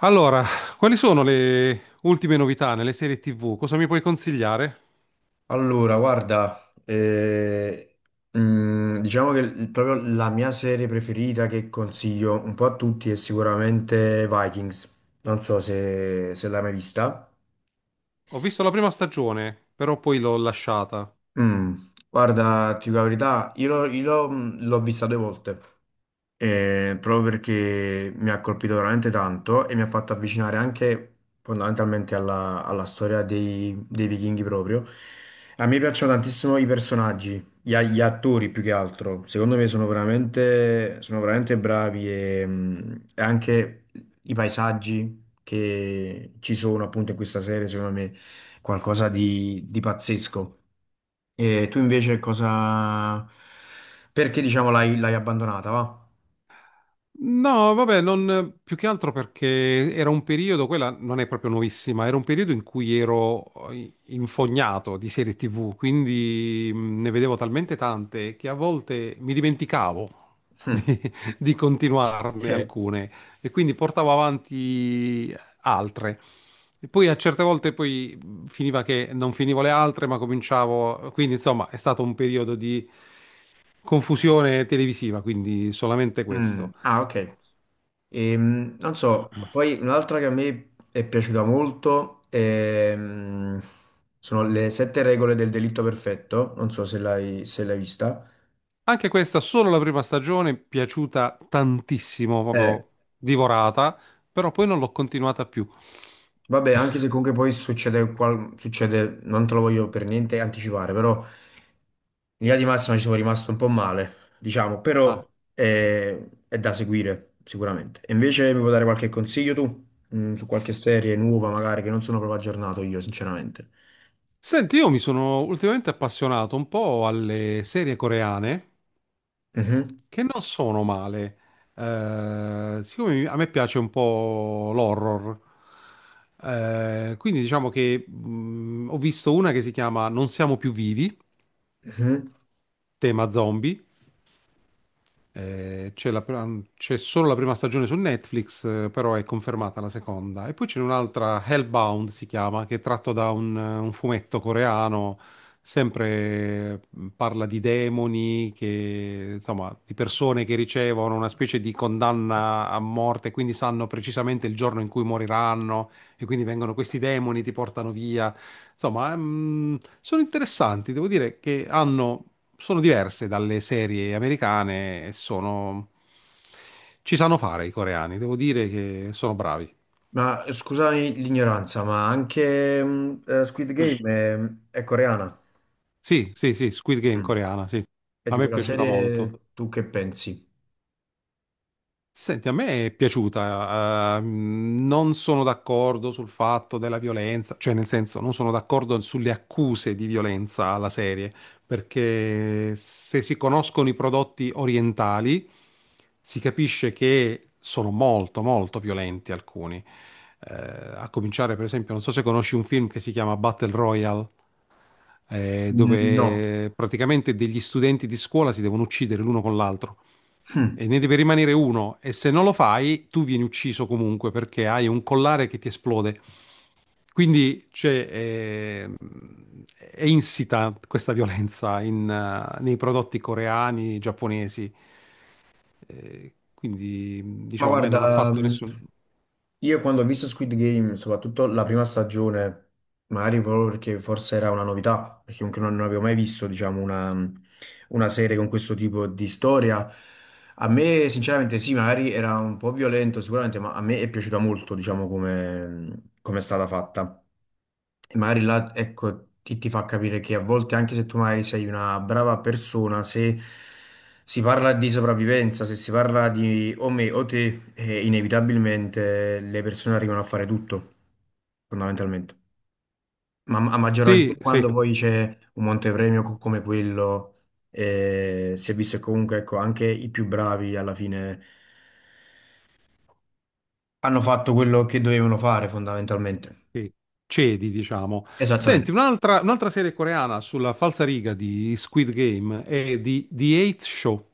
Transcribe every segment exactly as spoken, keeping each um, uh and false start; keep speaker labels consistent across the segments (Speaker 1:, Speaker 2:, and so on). Speaker 1: Allora, quali sono le ultime novità nelle serie tivù? Cosa mi puoi consigliare?
Speaker 2: Allora, guarda, eh, mm, diciamo che il- proprio la mia serie preferita che consiglio un po' a tutti è sicuramente Vikings. Non so se, se l'hai mai vista.
Speaker 1: Ho visto la prima stagione, però poi l'ho lasciata.
Speaker 2: Mm, guarda, ti dico la verità, io l'ho io l'ho- mm, l'ho vista due volte. eh, proprio perché mi ha colpito veramente tanto e mi ha fatto avvicinare anche fondamentalmente alla, alla storia dei, dei vichinghi proprio. A me piacciono tantissimo i personaggi, gli, a- gli attori più che altro. Secondo me sono veramente, sono veramente bravi e, mh, e anche i paesaggi che ci sono appunto in questa serie, secondo me, qualcosa di, di pazzesco. E tu invece cosa... Perché diciamo l'hai l'hai abbandonata, va?
Speaker 1: No, vabbè, non, più che altro perché era un periodo, quella non è proprio nuovissima, era un periodo in cui ero eh, infognato di serie T V, quindi mh, ne vedevo talmente tante che a volte mi dimenticavo di, di continuarne
Speaker 2: Eh,
Speaker 1: alcune e quindi portavo avanti altre. E poi a certe volte poi mh, finiva che non finivo le altre, ma cominciavo, quindi insomma è stato un periodo di confusione televisiva, quindi solamente
Speaker 2: mm,
Speaker 1: questo.
Speaker 2: ah, ok. Ehm, non so, poi un'altra che a me è piaciuta molto ehm, sono le sette regole del delitto perfetto. Non so se l'hai se l'hai vista.
Speaker 1: Anche questa, solo la prima stagione, piaciuta tantissimo,
Speaker 2: Eh,
Speaker 1: proprio divorata, però poi non l'ho continuata più.
Speaker 2: vabbè, anche se comunque poi succede, qual- succede, non te lo voglio per niente anticipare, però in linea di massima ci sono rimasto un po' male, diciamo,
Speaker 1: Ah.
Speaker 2: però eh, è da seguire sicuramente. E invece mi puoi dare qualche consiglio tu, Mm, su qualche serie nuova magari che non sono proprio aggiornato io, sinceramente.
Speaker 1: Senti, io mi sono ultimamente appassionato un po' alle serie coreane,
Speaker 2: Mhm,
Speaker 1: che non sono male. Eh, siccome mi- a me piace un po' l'horror, eh, quindi diciamo che mh, ho visto una che si chiama Non siamo più vivi,
Speaker 2: mhm.
Speaker 1: tema zombie. Eh, c'è la pr- um, c'è solo la prima stagione su Netflix, eh, però è confermata la seconda. E poi c'è un'altra, Hellbound si chiama, che è tratto da un, un fumetto coreano, sempre eh, parla di demoni, che, insomma, di persone che ricevono una specie di condanna a morte, quindi sanno precisamente il giorno in cui moriranno, e quindi vengono questi demoni, ti portano via. Insomma, mm, sono interessanti, devo dire che hanno, sono diverse dalle serie americane e sono... Ci sanno fare i coreani, devo dire che sono bravi.
Speaker 2: Ma eh, scusami l'ignoranza, ma anche mh, eh, Squid Game è, è coreana.
Speaker 1: Sì, sì, sì, Squid Game
Speaker 2: Mm.
Speaker 1: coreana, sì.
Speaker 2: E
Speaker 1: A
Speaker 2: di
Speaker 1: me è
Speaker 2: quella
Speaker 1: piaciuta molto.
Speaker 2: serie tu che pensi?
Speaker 1: Senti, a me è piaciuta, eh, mh, non sono d'accordo sul fatto della violenza, cioè nel senso non sono d'accordo sulle accuse di violenza alla serie, perché se si conoscono i prodotti orientali si capisce che sono molto molto violenti alcuni. Eh, a cominciare per esempio, non so se conosci un film che si chiama Battle Royale, eh,
Speaker 2: Mm, no.
Speaker 1: dove praticamente degli studenti di scuola si devono uccidere l'uno con l'altro.
Speaker 2: Hm.
Speaker 1: E ne deve rimanere uno e se non lo fai, tu vieni ucciso comunque perché hai un collare che ti esplode. Quindi c'è, eh, è insita questa violenza in, eh, nei prodotti coreani, giapponesi. Eh, quindi
Speaker 2: Ma
Speaker 1: diciamo a me
Speaker 2: guarda,
Speaker 1: non ha fatto
Speaker 2: mh,
Speaker 1: nessun...
Speaker 2: io quando ho visto Squid Game, soprattutto la prima stagione, magari proprio perché forse era una novità, perché comunque non non avevo mai visto, diciamo, una, una serie con questo tipo di storia. A me, sinceramente, sì, magari era un po' violento sicuramente, ma a me è piaciuta molto, diciamo, come, come è stata fatta. E magari là, ecco, ti, ti fa capire che a volte, anche se tu magari sei una brava persona, se si parla di sopravvivenza, se si parla di o me o te, eh, inevitabilmente le persone arrivano a fare tutto, fondamentalmente. Ma a maggior
Speaker 1: Sì,
Speaker 2: ragione
Speaker 1: sì,
Speaker 2: quando poi c'è un montepremio co- come quello, eh, si è visto che comunque, ecco, anche i più bravi alla fine hanno fatto quello che dovevano fare, fondamentalmente.
Speaker 1: sì, cedi, diciamo. Senti,
Speaker 2: Esattamente.
Speaker 1: un'altra un'altra serie coreana sulla falsariga di Squid Game è di The Eight Show,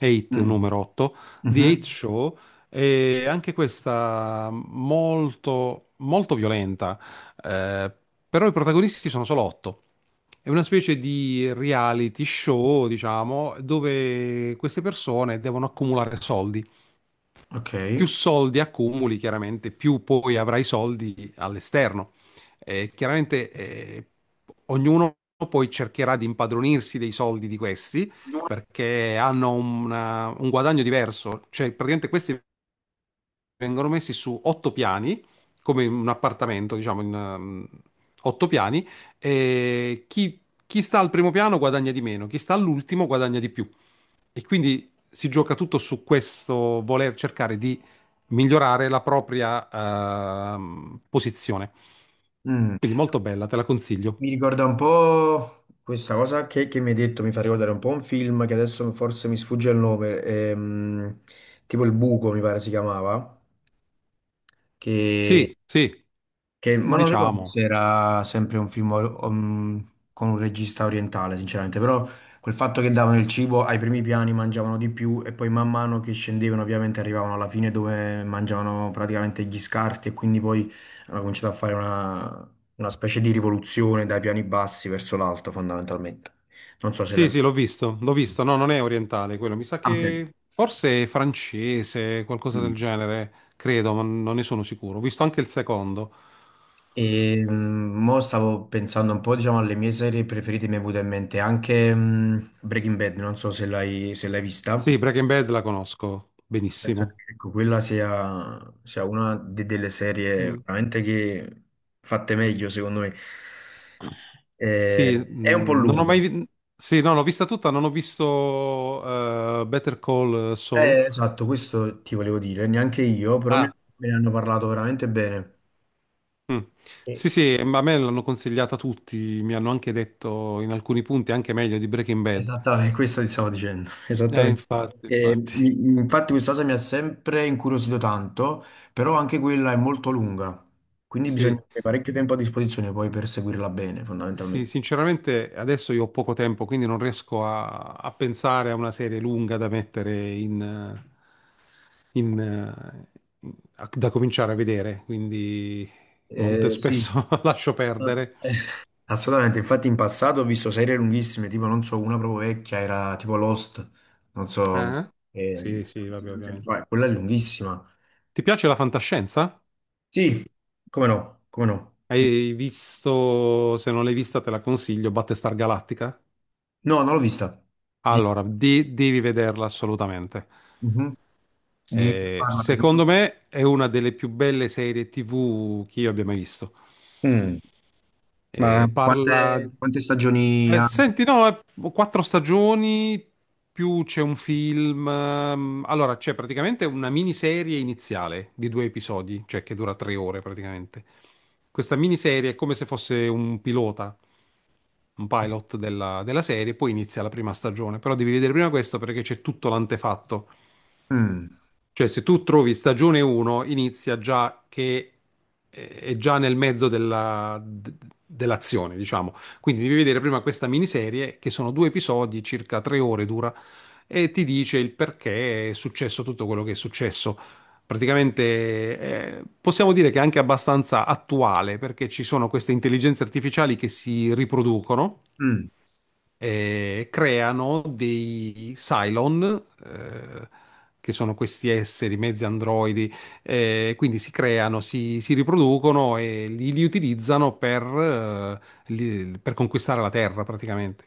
Speaker 1: otto
Speaker 2: Mm.
Speaker 1: numero otto, The Eight
Speaker 2: Mhm.
Speaker 1: Show, è anche questa molto, molto violenta, eh, però i protagonisti sono solo otto. È una specie di reality show, diciamo, dove queste persone devono accumulare soldi,
Speaker 2: Ok.
Speaker 1: più soldi accumuli, chiaramente, più poi avrai soldi all'esterno. Eh, chiaramente eh, ognuno poi cercherà di impadronirsi dei soldi di questi perché hanno una- un guadagno diverso, cioè praticamente questi vengono messi su otto piani, come in un appartamento, diciamo, in ehm, otto piani, e chi, chi sta al primo piano guadagna di meno, chi sta all'ultimo guadagna di più. E quindi si gioca tutto su questo voler cercare di migliorare la propria ehm, posizione.
Speaker 2: Mm.
Speaker 1: Quindi molto bella, te la consiglio.
Speaker 2: Mi ricorda un po' questa cosa che, che mi hai detto, mi fa ricordare un po' un film che adesso forse mi sfugge il nome, ehm, tipo Il Buco mi pare si chiamava, che
Speaker 1: Sì, sì,
Speaker 2: Che, ma non ricordo
Speaker 1: diciamo.
Speaker 2: se era sempre un film um, con un regista orientale, sinceramente, però quel fatto che davano il cibo ai primi piani mangiavano di più e poi man mano che scendevano ovviamente arrivavano alla fine dove mangiavano praticamente gli scarti e quindi poi hanno cominciato a fare una, una specie di rivoluzione dai piani bassi verso l'alto fondamentalmente. Non so se
Speaker 1: Sì,
Speaker 2: l'hai...
Speaker 1: sì, l'ho visto, l'ho visto. No, non è orientale quello, mi sa
Speaker 2: Ah, ok.
Speaker 1: che forse è francese, qualcosa
Speaker 2: Mm.
Speaker 1: del genere, credo, ma non ne sono sicuro. Ho visto anche il secondo.
Speaker 2: E mm, mo stavo pensando un po', diciamo, alle mie serie preferite, mi è venuta in mente anche mm, Breaking Bad, non so se l'hai se l'hai vista.
Speaker 1: Sì, Breaking Bad la conosco
Speaker 2: Penso che
Speaker 1: benissimo.
Speaker 2: ecco, quella sia, sia una de- delle serie
Speaker 1: Mm.
Speaker 2: veramente che fatte meglio, secondo me.
Speaker 1: Sì,
Speaker 2: Eh, è un po'
Speaker 1: mm, non ho mai...
Speaker 2: lunga.
Speaker 1: vi- Sì, no, l'ho vista tutta, non ho visto eh, Better Call Saul.
Speaker 2: Eh, esatto, questo ti volevo dire, neanche io, però me
Speaker 1: Ah,
Speaker 2: me ne hanno parlato veramente bene.
Speaker 1: mm. Sì, sì, ma a me l'hanno consigliata tutti, mi hanno anche detto in alcuni punti anche meglio di Breaking Bad.
Speaker 2: Esattamente, questo ti stavo dicendo,
Speaker 1: Eh,
Speaker 2: esattamente.
Speaker 1: infatti,
Speaker 2: E
Speaker 1: infatti.
Speaker 2: mi- infatti questa cosa mi ha sempre incuriosito tanto, però anche quella è molto lunga, quindi bisogna
Speaker 1: Sì,
Speaker 2: avere parecchio tempo a disposizione poi per seguirla bene,
Speaker 1: sì,
Speaker 2: fondamentalmente.
Speaker 1: sinceramente adesso io ho poco tempo, quindi non riesco a, a pensare a una serie lunga da mettere in, eh, in, eh, in- a- da cominciare a vedere, quindi molto
Speaker 2: Eh, sì,
Speaker 1: spesso lascio perdere.
Speaker 2: assolutamente, infatti in passato ho visto serie lunghissime, tipo non so, una proprio vecchia era tipo Lost, non so,
Speaker 1: Ah,
Speaker 2: eh,
Speaker 1: sì, sì,
Speaker 2: tanti
Speaker 1: vabbè,
Speaker 2: tanti anni
Speaker 1: ovviamente.
Speaker 2: fa, quella è lunghissima.
Speaker 1: Ti piace la fantascienza?
Speaker 2: Sì, come no, come no.
Speaker 1: Hai visto, se non l'hai vista te la consiglio, Battlestar Galactica?
Speaker 2: No, non l'ho vista. Di...
Speaker 1: Allora, de- devi vederla assolutamente.
Speaker 2: Mhm. Di che
Speaker 1: Eh,
Speaker 2: parla più o meno?
Speaker 1: secondo me è una delle più belle serie T V che io abbia mai visto.
Speaker 2: Mm, ma
Speaker 1: Eh, parla...
Speaker 2: Quante, quante stagioni
Speaker 1: eh,
Speaker 2: ha?
Speaker 1: Senti, no, eh, quattro stagioni, più c'è un film. ehm, Allora, c'è praticamente una miniserie iniziale di due episodi, cioè che dura tre ore praticamente. Questa miniserie è come se fosse un pilota un pilot della, della serie, poi inizia la prima stagione. Però devi vedere prima questo perché c'è tutto l'antefatto.
Speaker 2: Mm,
Speaker 1: Cioè, se tu trovi stagione uno, inizia già che eh, è già nel mezzo della- d- dell'azione, diciamo. Quindi devi vedere prima questa miniserie, che sono due episodi, circa tre ore dura, e ti dice il perché è successo tutto quello che è successo. Praticamente eh, possiamo dire che è anche abbastanza attuale perché ci sono queste intelligenze artificiali che si riproducono,
Speaker 2: mm.
Speaker 1: eh, creano dei Cylon, eh, che sono questi esseri, mezzi androidi, eh, quindi si creano, si, si riproducono e li, li utilizzano per, eh, li- per conquistare la Terra praticamente.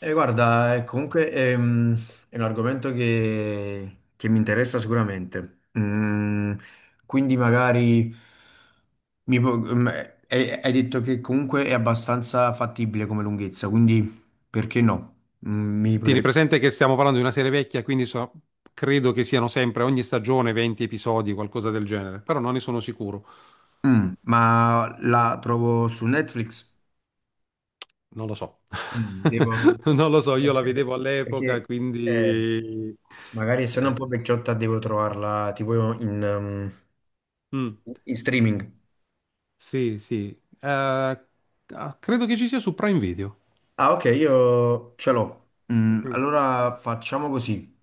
Speaker 2: E guarda, eh, comunque ehm, è, un argomento che, che mi interessa sicuramente. Mm, quindi magari mi pu- mm, eh, hai, hai detto che comunque è abbastanza fattibile come lunghezza, quindi perché no? Mm, mi
Speaker 1: Tieni
Speaker 2: potrebbe...
Speaker 1: presente che stiamo parlando di una serie vecchia, quindi so- credo che siano sempre ogni stagione venti episodi, qualcosa del genere, però non ne sono sicuro,
Speaker 2: Mm, ma la trovo su Netflix?
Speaker 1: non lo so.
Speaker 2: Mm, devo...
Speaker 1: Non lo so, io la vedevo all'epoca,
Speaker 2: Perché... eh,
Speaker 1: quindi...
Speaker 2: Magari essendo
Speaker 1: eh,
Speaker 2: un po' vecchiotta devo trovarla tipo in, um,
Speaker 1: mm.
Speaker 2: in streaming.
Speaker 1: Sì, sì. Eh, ah, credo che ci sia su Prime Video.
Speaker 2: Ah, ok, io ce l'ho. Mm,
Speaker 1: Mm.
Speaker 2: allora facciamo così.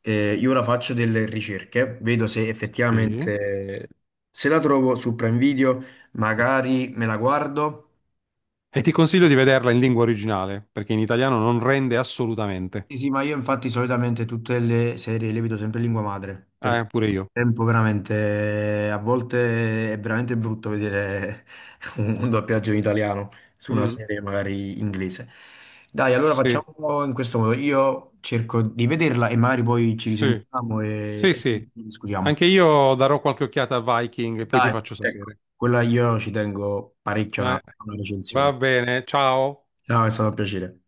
Speaker 2: Eh, io ora faccio delle ricerche, vedo se
Speaker 1: Sì,
Speaker 2: effettivamente se la trovo su Prime Video,
Speaker 1: sì.
Speaker 2: magari me la guardo
Speaker 1: E
Speaker 2: e
Speaker 1: ti
Speaker 2: poi...
Speaker 1: consiglio di vederla in lingua originale, perché in italiano non rende assolutamente.
Speaker 2: Sì, sì, ma io infatti solitamente tutte le serie le vedo sempre in lingua madre, perché
Speaker 1: Eh,
Speaker 2: il
Speaker 1: pure io.
Speaker 2: tempo veramente, a volte è veramente brutto vedere un doppiaggio in italiano su una
Speaker 1: Mm.
Speaker 2: serie magari inglese. Dai, allora
Speaker 1: Sì,
Speaker 2: facciamo in questo modo, io cerco di vederla e magari poi ci
Speaker 1: sì,
Speaker 2: risentiamo
Speaker 1: sì,
Speaker 2: e, e
Speaker 1: sì.
Speaker 2: discutiamo.
Speaker 1: Anche io darò qualche occhiata a Viking e poi ti
Speaker 2: Dai,
Speaker 1: faccio
Speaker 2: ecco,
Speaker 1: sapere.
Speaker 2: quella io ci tengo parecchio a una,
Speaker 1: Eh,
Speaker 2: a una
Speaker 1: va
Speaker 2: recensione.
Speaker 1: bene, ciao.
Speaker 2: Ciao, è stato un piacere.